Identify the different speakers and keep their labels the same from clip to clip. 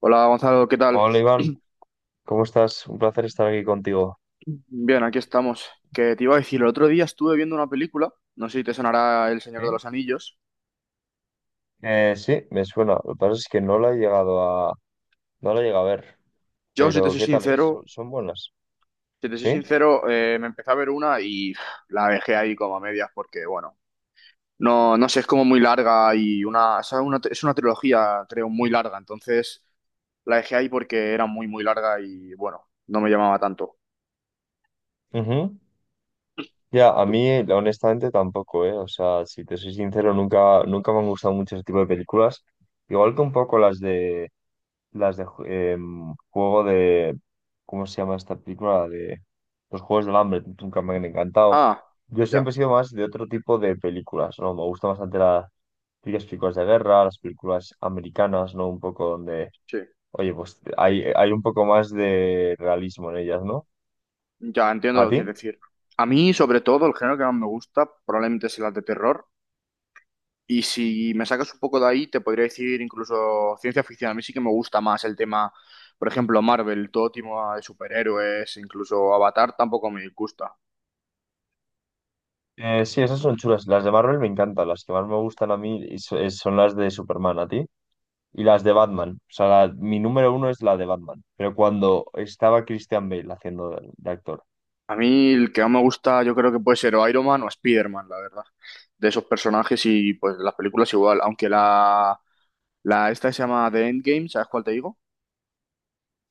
Speaker 1: Hola Gonzalo, ¿qué tal?
Speaker 2: Hola Iván, ¿cómo estás? Un placer estar aquí contigo.
Speaker 1: Bien, aquí estamos. Que te iba a decir, el otro día estuve viendo una película, no sé si te sonará El Señor
Speaker 2: ¿Eh?
Speaker 1: de los Anillos.
Speaker 2: Sí, me suena. Lo que pasa es que no la he llegado a, no la he llegado a ver,
Speaker 1: Yo, si te
Speaker 2: pero
Speaker 1: soy
Speaker 2: ¿qué tal es? ¿Son
Speaker 1: sincero,
Speaker 2: son buenas?
Speaker 1: si te soy
Speaker 2: ¿Sí?
Speaker 1: sincero, me empecé a ver una y la dejé ahí como a medias porque, bueno, no, no sé, es como muy larga y es una trilogía, creo, muy larga. Entonces la dejé ahí porque era muy, muy larga y, bueno, no me llamaba tanto.
Speaker 2: Ujú. Ya, a
Speaker 1: Tú-
Speaker 2: mí honestamente tampoco, ¿eh? O sea, si te soy sincero, nunca, nunca me han gustado mucho ese tipo de películas. Igual que un poco las de juego de ¿cómo se llama esta película? La de los Juegos del Hambre, nunca me han encantado.
Speaker 1: Ah,
Speaker 2: Yo
Speaker 1: ya,
Speaker 2: siempre he sido más de otro tipo de películas, ¿no? Me gustan bastante las películas de guerra, las películas americanas, ¿no? Un poco donde,
Speaker 1: sí.
Speaker 2: oye, pues hay un poco más de realismo en ellas, ¿no?
Speaker 1: Ya entiendo
Speaker 2: ¿A
Speaker 1: lo que
Speaker 2: ti?
Speaker 1: quieres decir. A mí, sobre todo, el género que más me gusta probablemente es el de terror. Y si me sacas un poco de ahí, te podría decir incluso ciencia ficción. A mí sí que me gusta más el tema, por ejemplo, Marvel, todo tipo de superhéroes, incluso Avatar tampoco me gusta.
Speaker 2: Sí, esas son chulas. Las de Marvel me encantan. Las que más me gustan a mí son las de Superman, ¿a ti? Y las de Batman. O sea, mi número uno es la de Batman. Pero cuando estaba Christian Bale haciendo de actor.
Speaker 1: A mí el que más me gusta, yo creo que puede ser o Iron Man o Spider-Man, la verdad. De esos personajes y pues las películas igual. Aunque la esta que se llama The Endgame, ¿sabes cuál te digo?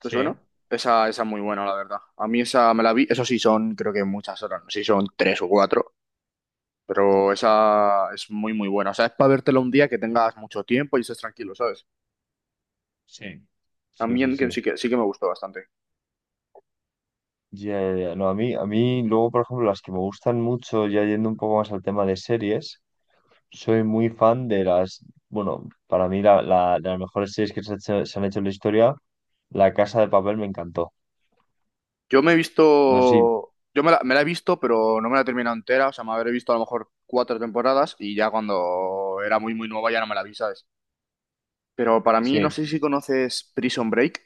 Speaker 1: ¿Te
Speaker 2: Sí,
Speaker 1: suena? Esa es muy buena, la verdad. A mí esa me la vi, eso sí son, creo que muchas horas, no sé si son tres o cuatro, pero
Speaker 2: uf,
Speaker 1: esa es muy, muy buena. O sea, es para vértela un día que tengas mucho tiempo y estés tranquilo, ¿sabes?
Speaker 2: sí.
Speaker 1: A
Speaker 2: Sí,
Speaker 1: mí
Speaker 2: sí,
Speaker 1: en que
Speaker 2: sí.
Speaker 1: sí que me gustó bastante.
Speaker 2: Ya, ya, ya. No, a mí, luego, por ejemplo, las que me gustan mucho, ya yendo un poco más al tema de series, soy muy fan de bueno, para mí de las mejores series que se han hecho en la historia, La Casa de Papel me encantó.
Speaker 1: Yo me he visto,
Speaker 2: No sé, si-
Speaker 1: yo me la he visto, pero no me la he terminado entera, o sea, me habré visto a lo mejor cuatro temporadas y ya cuando era muy, muy nueva ya no me la vi, ¿sabes? Pero para mí, no
Speaker 2: sí.
Speaker 1: sé si conoces Prison Break.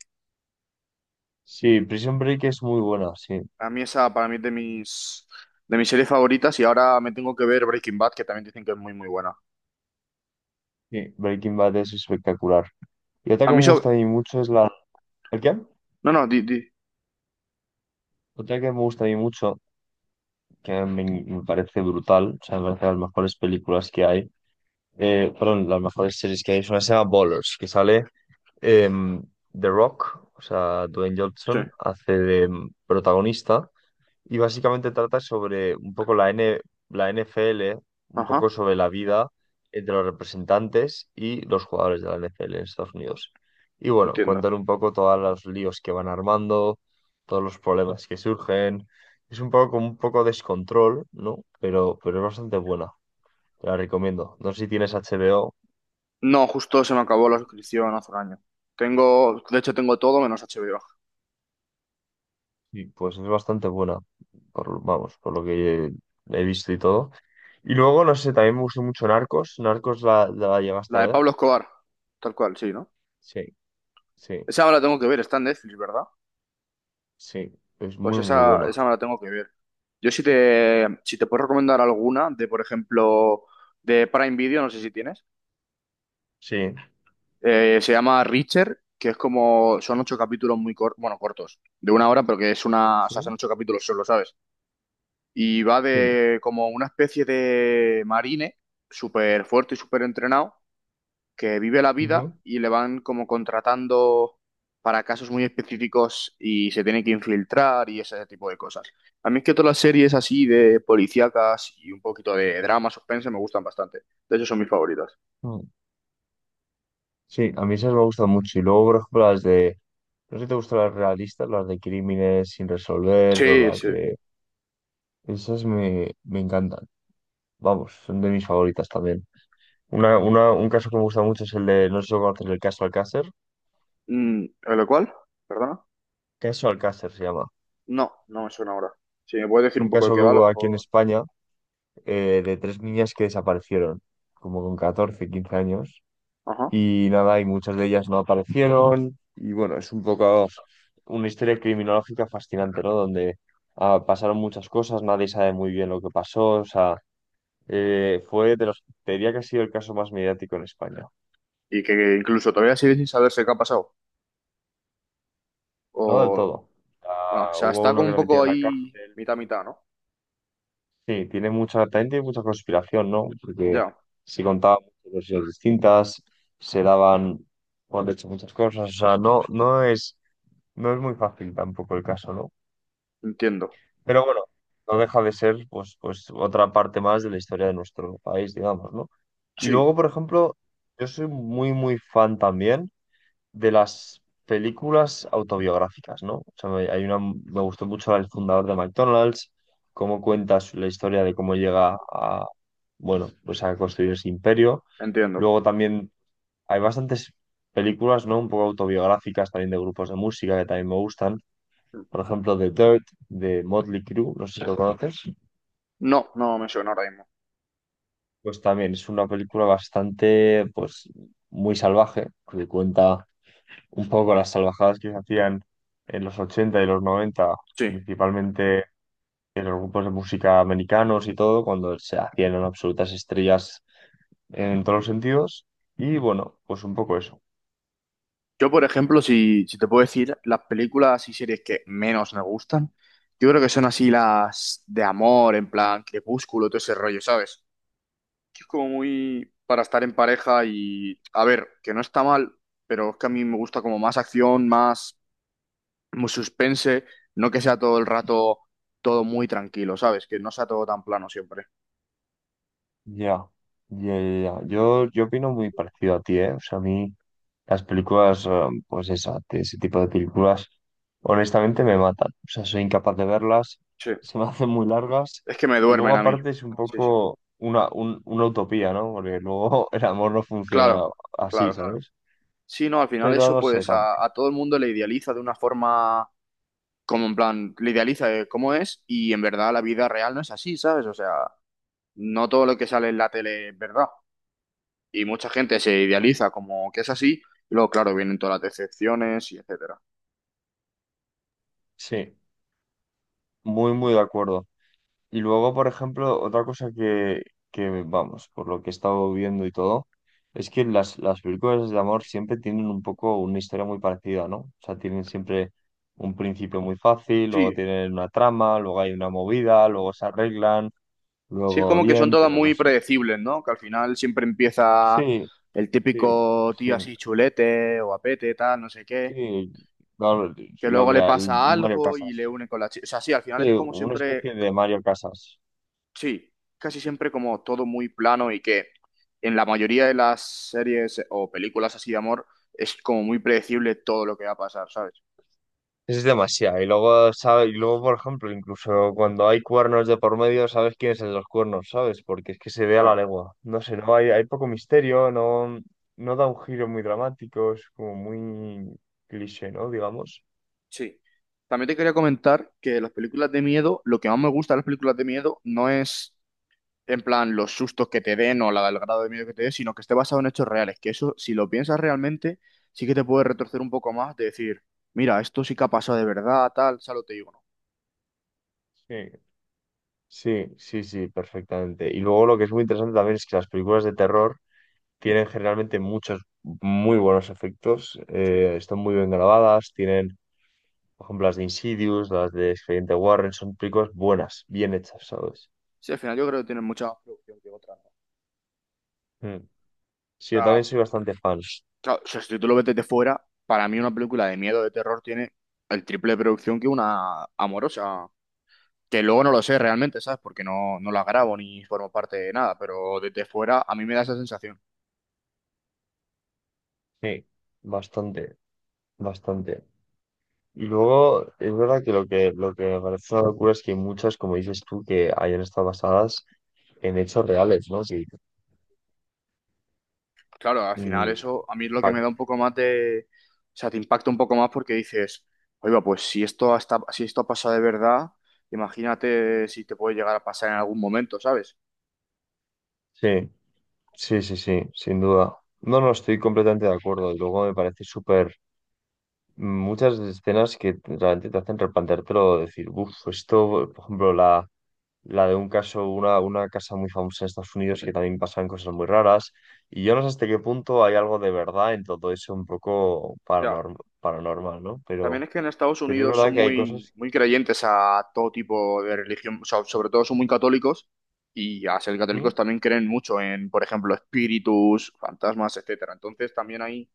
Speaker 2: Sí, Prison Break es muy buena, sí.
Speaker 1: A mí esa, para mí es de mis series favoritas y ahora me tengo que ver Breaking Bad, que también dicen que es muy, muy buena.
Speaker 2: Sí, Breaking Bad es espectacular. Y otra
Speaker 1: A
Speaker 2: que
Speaker 1: mí
Speaker 2: me
Speaker 1: sobre...
Speaker 2: gusta a mí mucho es la... ¿El qué?
Speaker 1: No, no, di, di.
Speaker 2: Otra que me gusta a mí mucho, me parece brutal, o sea, me parece de las mejores películas que hay, perdón, las mejores series que hay, es una que se llama Ballers, que sale em, The Rock, o sea, Dwayne
Speaker 1: Sí.
Speaker 2: Johnson, hace de protagonista. Y básicamente trata sobre un poco la NFL, un
Speaker 1: Ajá,
Speaker 2: poco sobre la vida entre los representantes y los jugadores de la NFL en Estados Unidos. Y bueno,
Speaker 1: entiendo.
Speaker 2: cuentan un poco todos los líos que van armando, todos los problemas que surgen. Es un poco como un poco descontrol, ¿no? Pero es bastante buena. Te la recomiendo. No sé si tienes HBO,
Speaker 1: No, justo se me acabó la suscripción hace un año. Tengo, de hecho tengo todo menos HBO.
Speaker 2: y pues es bastante buena. Por, vamos, por lo que he visto y todo. Y luego, no sé, también me gustó mucho Narcos. Narcos la llegaste
Speaker 1: La
Speaker 2: a
Speaker 1: de
Speaker 2: ver.
Speaker 1: Pablo Escobar, tal cual, sí, ¿no?
Speaker 2: Sí, sí,
Speaker 1: Esa me la tengo que ver, está en Netflix, ¿verdad?
Speaker 2: sí. Es
Speaker 1: Pues
Speaker 2: muy, muy
Speaker 1: esa,
Speaker 2: buena.
Speaker 1: esa me la tengo que ver. Yo si te puedo recomendar alguna de, por ejemplo, de Prime Video, no sé si tienes.
Speaker 2: Sí,
Speaker 1: Se llama Reacher, que es como, son ocho capítulos muy cortos, bueno, cortos, de una hora, pero que es una, o sea,
Speaker 2: sí,
Speaker 1: son ocho capítulos solo, ¿sabes? Y va
Speaker 2: sí.
Speaker 1: de como una especie de marine, súper fuerte y súper entrenado, que vive la vida
Speaker 2: Ujú.
Speaker 1: y le van como contratando para casos muy específicos y se tiene que infiltrar y ese tipo de cosas. A mí es que todas las series así de policíacas y un poquito de drama, suspense, me gustan bastante. De hecho, son mis favoritas.
Speaker 2: Mm, sí, a mí esas me gustan mucho. Y luego, por ejemplo, las de. No sé si te gustan las realistas, las de crímenes sin resolver
Speaker 1: Sí,
Speaker 2: o las
Speaker 1: sí.
Speaker 2: de. Esas me encantan. Vamos, son de mis favoritas también. Un caso que me gusta mucho es el de. No sé si lo conoces, el caso Alcácer.
Speaker 1: ¿Lo cual? ¿Perdona?
Speaker 2: Caso Alcácer se llama.
Speaker 1: No, no me suena ahora. Si me puedes
Speaker 2: Es
Speaker 1: decir
Speaker 2: un
Speaker 1: un poco de
Speaker 2: caso
Speaker 1: qué
Speaker 2: que
Speaker 1: va, a lo
Speaker 2: hubo aquí en
Speaker 1: mejor.
Speaker 2: España de tres niñas que desaparecieron, como con 14 15 años.
Speaker 1: Ajá.
Speaker 2: Y nada, y muchas de ellas no aparecieron. Y bueno, es un poco una historia criminológica fascinante, ¿no? Donde pasaron muchas cosas, nadie sabe muy bien lo que pasó, o sea, fue de los, te diría que ha sido el caso más mediático en España,
Speaker 1: Y que incluso todavía sigue sin saberse qué ha pasado.
Speaker 2: no del
Speaker 1: O.
Speaker 2: todo.
Speaker 1: Ah, o
Speaker 2: Ah,
Speaker 1: sea,
Speaker 2: hubo
Speaker 1: está
Speaker 2: uno
Speaker 1: como
Speaker 2: que
Speaker 1: un
Speaker 2: lo
Speaker 1: poco
Speaker 2: metieron en la
Speaker 1: ahí
Speaker 2: cárcel.
Speaker 1: mitad mitad, ¿no?
Speaker 2: Sí, tiene mucha, también tiene mucha conspiración, ¿no? Porque
Speaker 1: Ya,
Speaker 2: se contaban muchas versiones distintas, se daban por hecho muchas cosas, o sea, no es, no es muy fácil tampoco el caso, ¿no?
Speaker 1: entiendo.
Speaker 2: Pero bueno, no deja de ser pues otra parte más de la historia de nuestro país, digamos, ¿no? Y
Speaker 1: Sí,
Speaker 2: luego, por ejemplo, yo soy muy, muy fan también de las películas autobiográficas, ¿no? O sea, hay una, me gustó mucho la del fundador de McDonald's, cómo cuenta la historia de cómo llega a, bueno, pues a construir ese imperio.
Speaker 1: entiendo.
Speaker 2: Luego también hay bastantes películas, ¿no? Un poco autobiográficas también de grupos de música que también me gustan, por ejemplo, The Dirt de Motley Crue, no sé si lo conoces,
Speaker 1: No, no me suena ahora mismo.
Speaker 2: pues también es una película bastante, pues, muy salvaje, que cuenta un poco las salvajadas que se hacían en los 80 y los 90
Speaker 1: Sí.
Speaker 2: principalmente en los grupos de música americanos y todo, cuando se hacían unas absolutas estrellas en todos los sentidos. Y bueno, pues un poco eso.
Speaker 1: Yo, por ejemplo, si te puedo decir las películas y series que menos me gustan, yo creo que son así las de amor, en plan Crepúsculo, todo ese rollo, ¿sabes? Es como muy para estar en pareja y, a ver, que no está mal, pero es que a mí me gusta como más acción, más, suspense, no que sea todo el rato todo muy tranquilo, ¿sabes? Que no sea todo tan plano siempre.
Speaker 2: Ya, ya, ya, ya. Yo opino muy parecido a ti, ¿eh? O sea, a mí las películas, pues esa, de ese tipo de películas, honestamente me matan. O sea, soy incapaz de verlas,
Speaker 1: Sí,
Speaker 2: se me hacen muy largas,
Speaker 1: es que me
Speaker 2: y luego
Speaker 1: duermen a mí.
Speaker 2: aparte es un
Speaker 1: Sí, sí.
Speaker 2: poco una utopía, ¿no? Porque luego el amor no funciona
Speaker 1: Claro,
Speaker 2: así,
Speaker 1: claro.
Speaker 2: ¿sabes?
Speaker 1: Sí, no, al final
Speaker 2: Pero
Speaker 1: eso
Speaker 2: no sé,
Speaker 1: pues a todo el mundo le idealiza de una forma como en plan, le idealiza de cómo es y en verdad la vida real no es así, ¿sabes? O sea, no todo lo que sale en la tele es verdad. Y mucha gente se idealiza como que es así, y luego, claro, vienen todas las decepciones y etcétera.
Speaker 2: sí, muy, muy de acuerdo. Y luego, por ejemplo, otra cosa que, vamos, por lo que he estado viendo y todo, es que las películas de amor siempre tienen un poco una historia muy parecida, ¿no? O sea, tienen siempre un principio muy fácil,
Speaker 1: Sí,
Speaker 2: luego tienen una trama, luego hay una movida, luego se arreglan,
Speaker 1: sí, es
Speaker 2: luego
Speaker 1: como que son
Speaker 2: bien,
Speaker 1: todas
Speaker 2: pero no
Speaker 1: muy
Speaker 2: sé.
Speaker 1: predecibles, ¿no? Que al final siempre empieza
Speaker 2: Sí,
Speaker 1: el
Speaker 2: sí,
Speaker 1: típico tío
Speaker 2: sí,
Speaker 1: así chulete o apete, tal, no sé qué,
Speaker 2: sí. No,
Speaker 1: que luego le pasa
Speaker 2: un Mario
Speaker 1: algo y le
Speaker 2: Casas.
Speaker 1: une con la chica. O sea, sí, al final
Speaker 2: Sí,
Speaker 1: es como
Speaker 2: una
Speaker 1: siempre,
Speaker 2: especie de Mario Casas.
Speaker 1: sí, casi siempre como todo muy plano y que en la mayoría de las series o películas así de amor es como muy predecible todo lo que va a pasar, ¿sabes?
Speaker 2: Es demasiado. Y luego, por ejemplo, incluso cuando hay cuernos de por medio, sabes quién es el de los cuernos, ¿sabes? Porque es que se ve a la
Speaker 1: Claro.
Speaker 2: legua. No sé, no hay, hay poco misterio, no da un giro muy dramático, es como muy cliché, ¿no? Digamos.
Speaker 1: Sí. También te quería comentar que las películas de miedo, lo que más me gusta de las películas de miedo no es en plan los sustos que te den o la, el grado de miedo que te den, sino que esté basado en hechos reales, que eso, si lo piensas realmente, sí que te puede retorcer un poco más de decir, mira, esto sí que ha pasado de verdad, tal, solo te digo, no.
Speaker 2: Sí. Sí, sí, sí, perfectamente. Y luego lo que es muy interesante también es que las películas de terror tienen generalmente muchos muy buenos efectos,
Speaker 1: Sí.
Speaker 2: están muy bien grabadas, tienen, por ejemplo, las de Insidious, las de Expediente Warren, son películas buenas, bien hechas, ¿sabes?
Speaker 1: Sí, al final yo creo que tienen mucha más producción que otras, ¿no?
Speaker 2: Mm.
Speaker 1: O
Speaker 2: Sí, yo también
Speaker 1: sea,
Speaker 2: soy bastante fan.
Speaker 1: claro, o sea, si tú lo ves desde fuera, para mí una película de miedo, de terror, tiene el triple de producción que una amorosa. Que luego no lo sé realmente, ¿sabes? Porque no, no las grabo ni formo parte de nada, pero desde fuera a mí me da esa sensación.
Speaker 2: Sí. Bastante, bastante. Y luego, es verdad que lo que me parece una locura es que hay muchas, como dices tú, que hayan estado basadas en hechos reales, ¿no? Sí,
Speaker 1: Claro, al final
Speaker 2: mm,
Speaker 1: eso a mí es lo que me
Speaker 2: pa-
Speaker 1: da un poco más de... O sea, te impacta un poco más porque dices, oiga, pues si esto, hasta, si esto ha pasado de verdad, imagínate si te puede llegar a pasar en algún momento, ¿sabes?
Speaker 2: sí, sí, sí, sí, sin duda. No, no, estoy completamente de acuerdo. Y luego me parece súper... Muchas escenas que realmente te hacen replanteártelo, decir, uff, esto, por ejemplo, la de un caso, una casa muy famosa en Estados Unidos que también pasan cosas muy raras. Y yo no sé hasta qué punto hay algo de verdad en todo eso un poco
Speaker 1: Ya.
Speaker 2: paranormal, ¿no?
Speaker 1: También es que en Estados
Speaker 2: Pero es
Speaker 1: Unidos son
Speaker 2: verdad que hay
Speaker 1: muy,
Speaker 2: cosas.
Speaker 1: muy creyentes a todo tipo de religión, o sea, sobre todo son muy católicos y a ser
Speaker 2: ¿Mm?
Speaker 1: católicos también creen mucho en, por ejemplo, espíritus, fantasmas, etcétera. Entonces también hay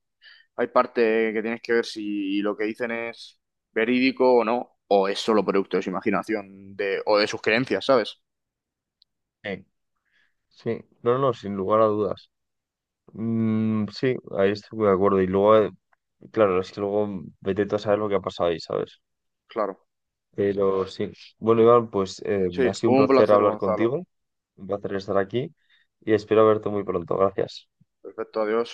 Speaker 1: Hay parte que tienes que ver si lo que dicen es verídico o no, o es solo producto de su imaginación de, o de sus creencias, ¿sabes?
Speaker 2: Eh, Sí, no, no, sin lugar a dudas. Mm, sí, ahí estoy muy de acuerdo. Y luego, claro, es que luego vete tú a saber lo que ha pasado ahí, ¿sabes?
Speaker 1: Claro.
Speaker 2: Pero sí. Bueno, Iván, pues
Speaker 1: Sí,
Speaker 2: ha sido un
Speaker 1: un
Speaker 2: placer
Speaker 1: placer,
Speaker 2: hablar
Speaker 1: Gonzalo.
Speaker 2: contigo, un placer estar aquí y espero verte muy pronto. Gracias.
Speaker 1: Perfecto, adiós.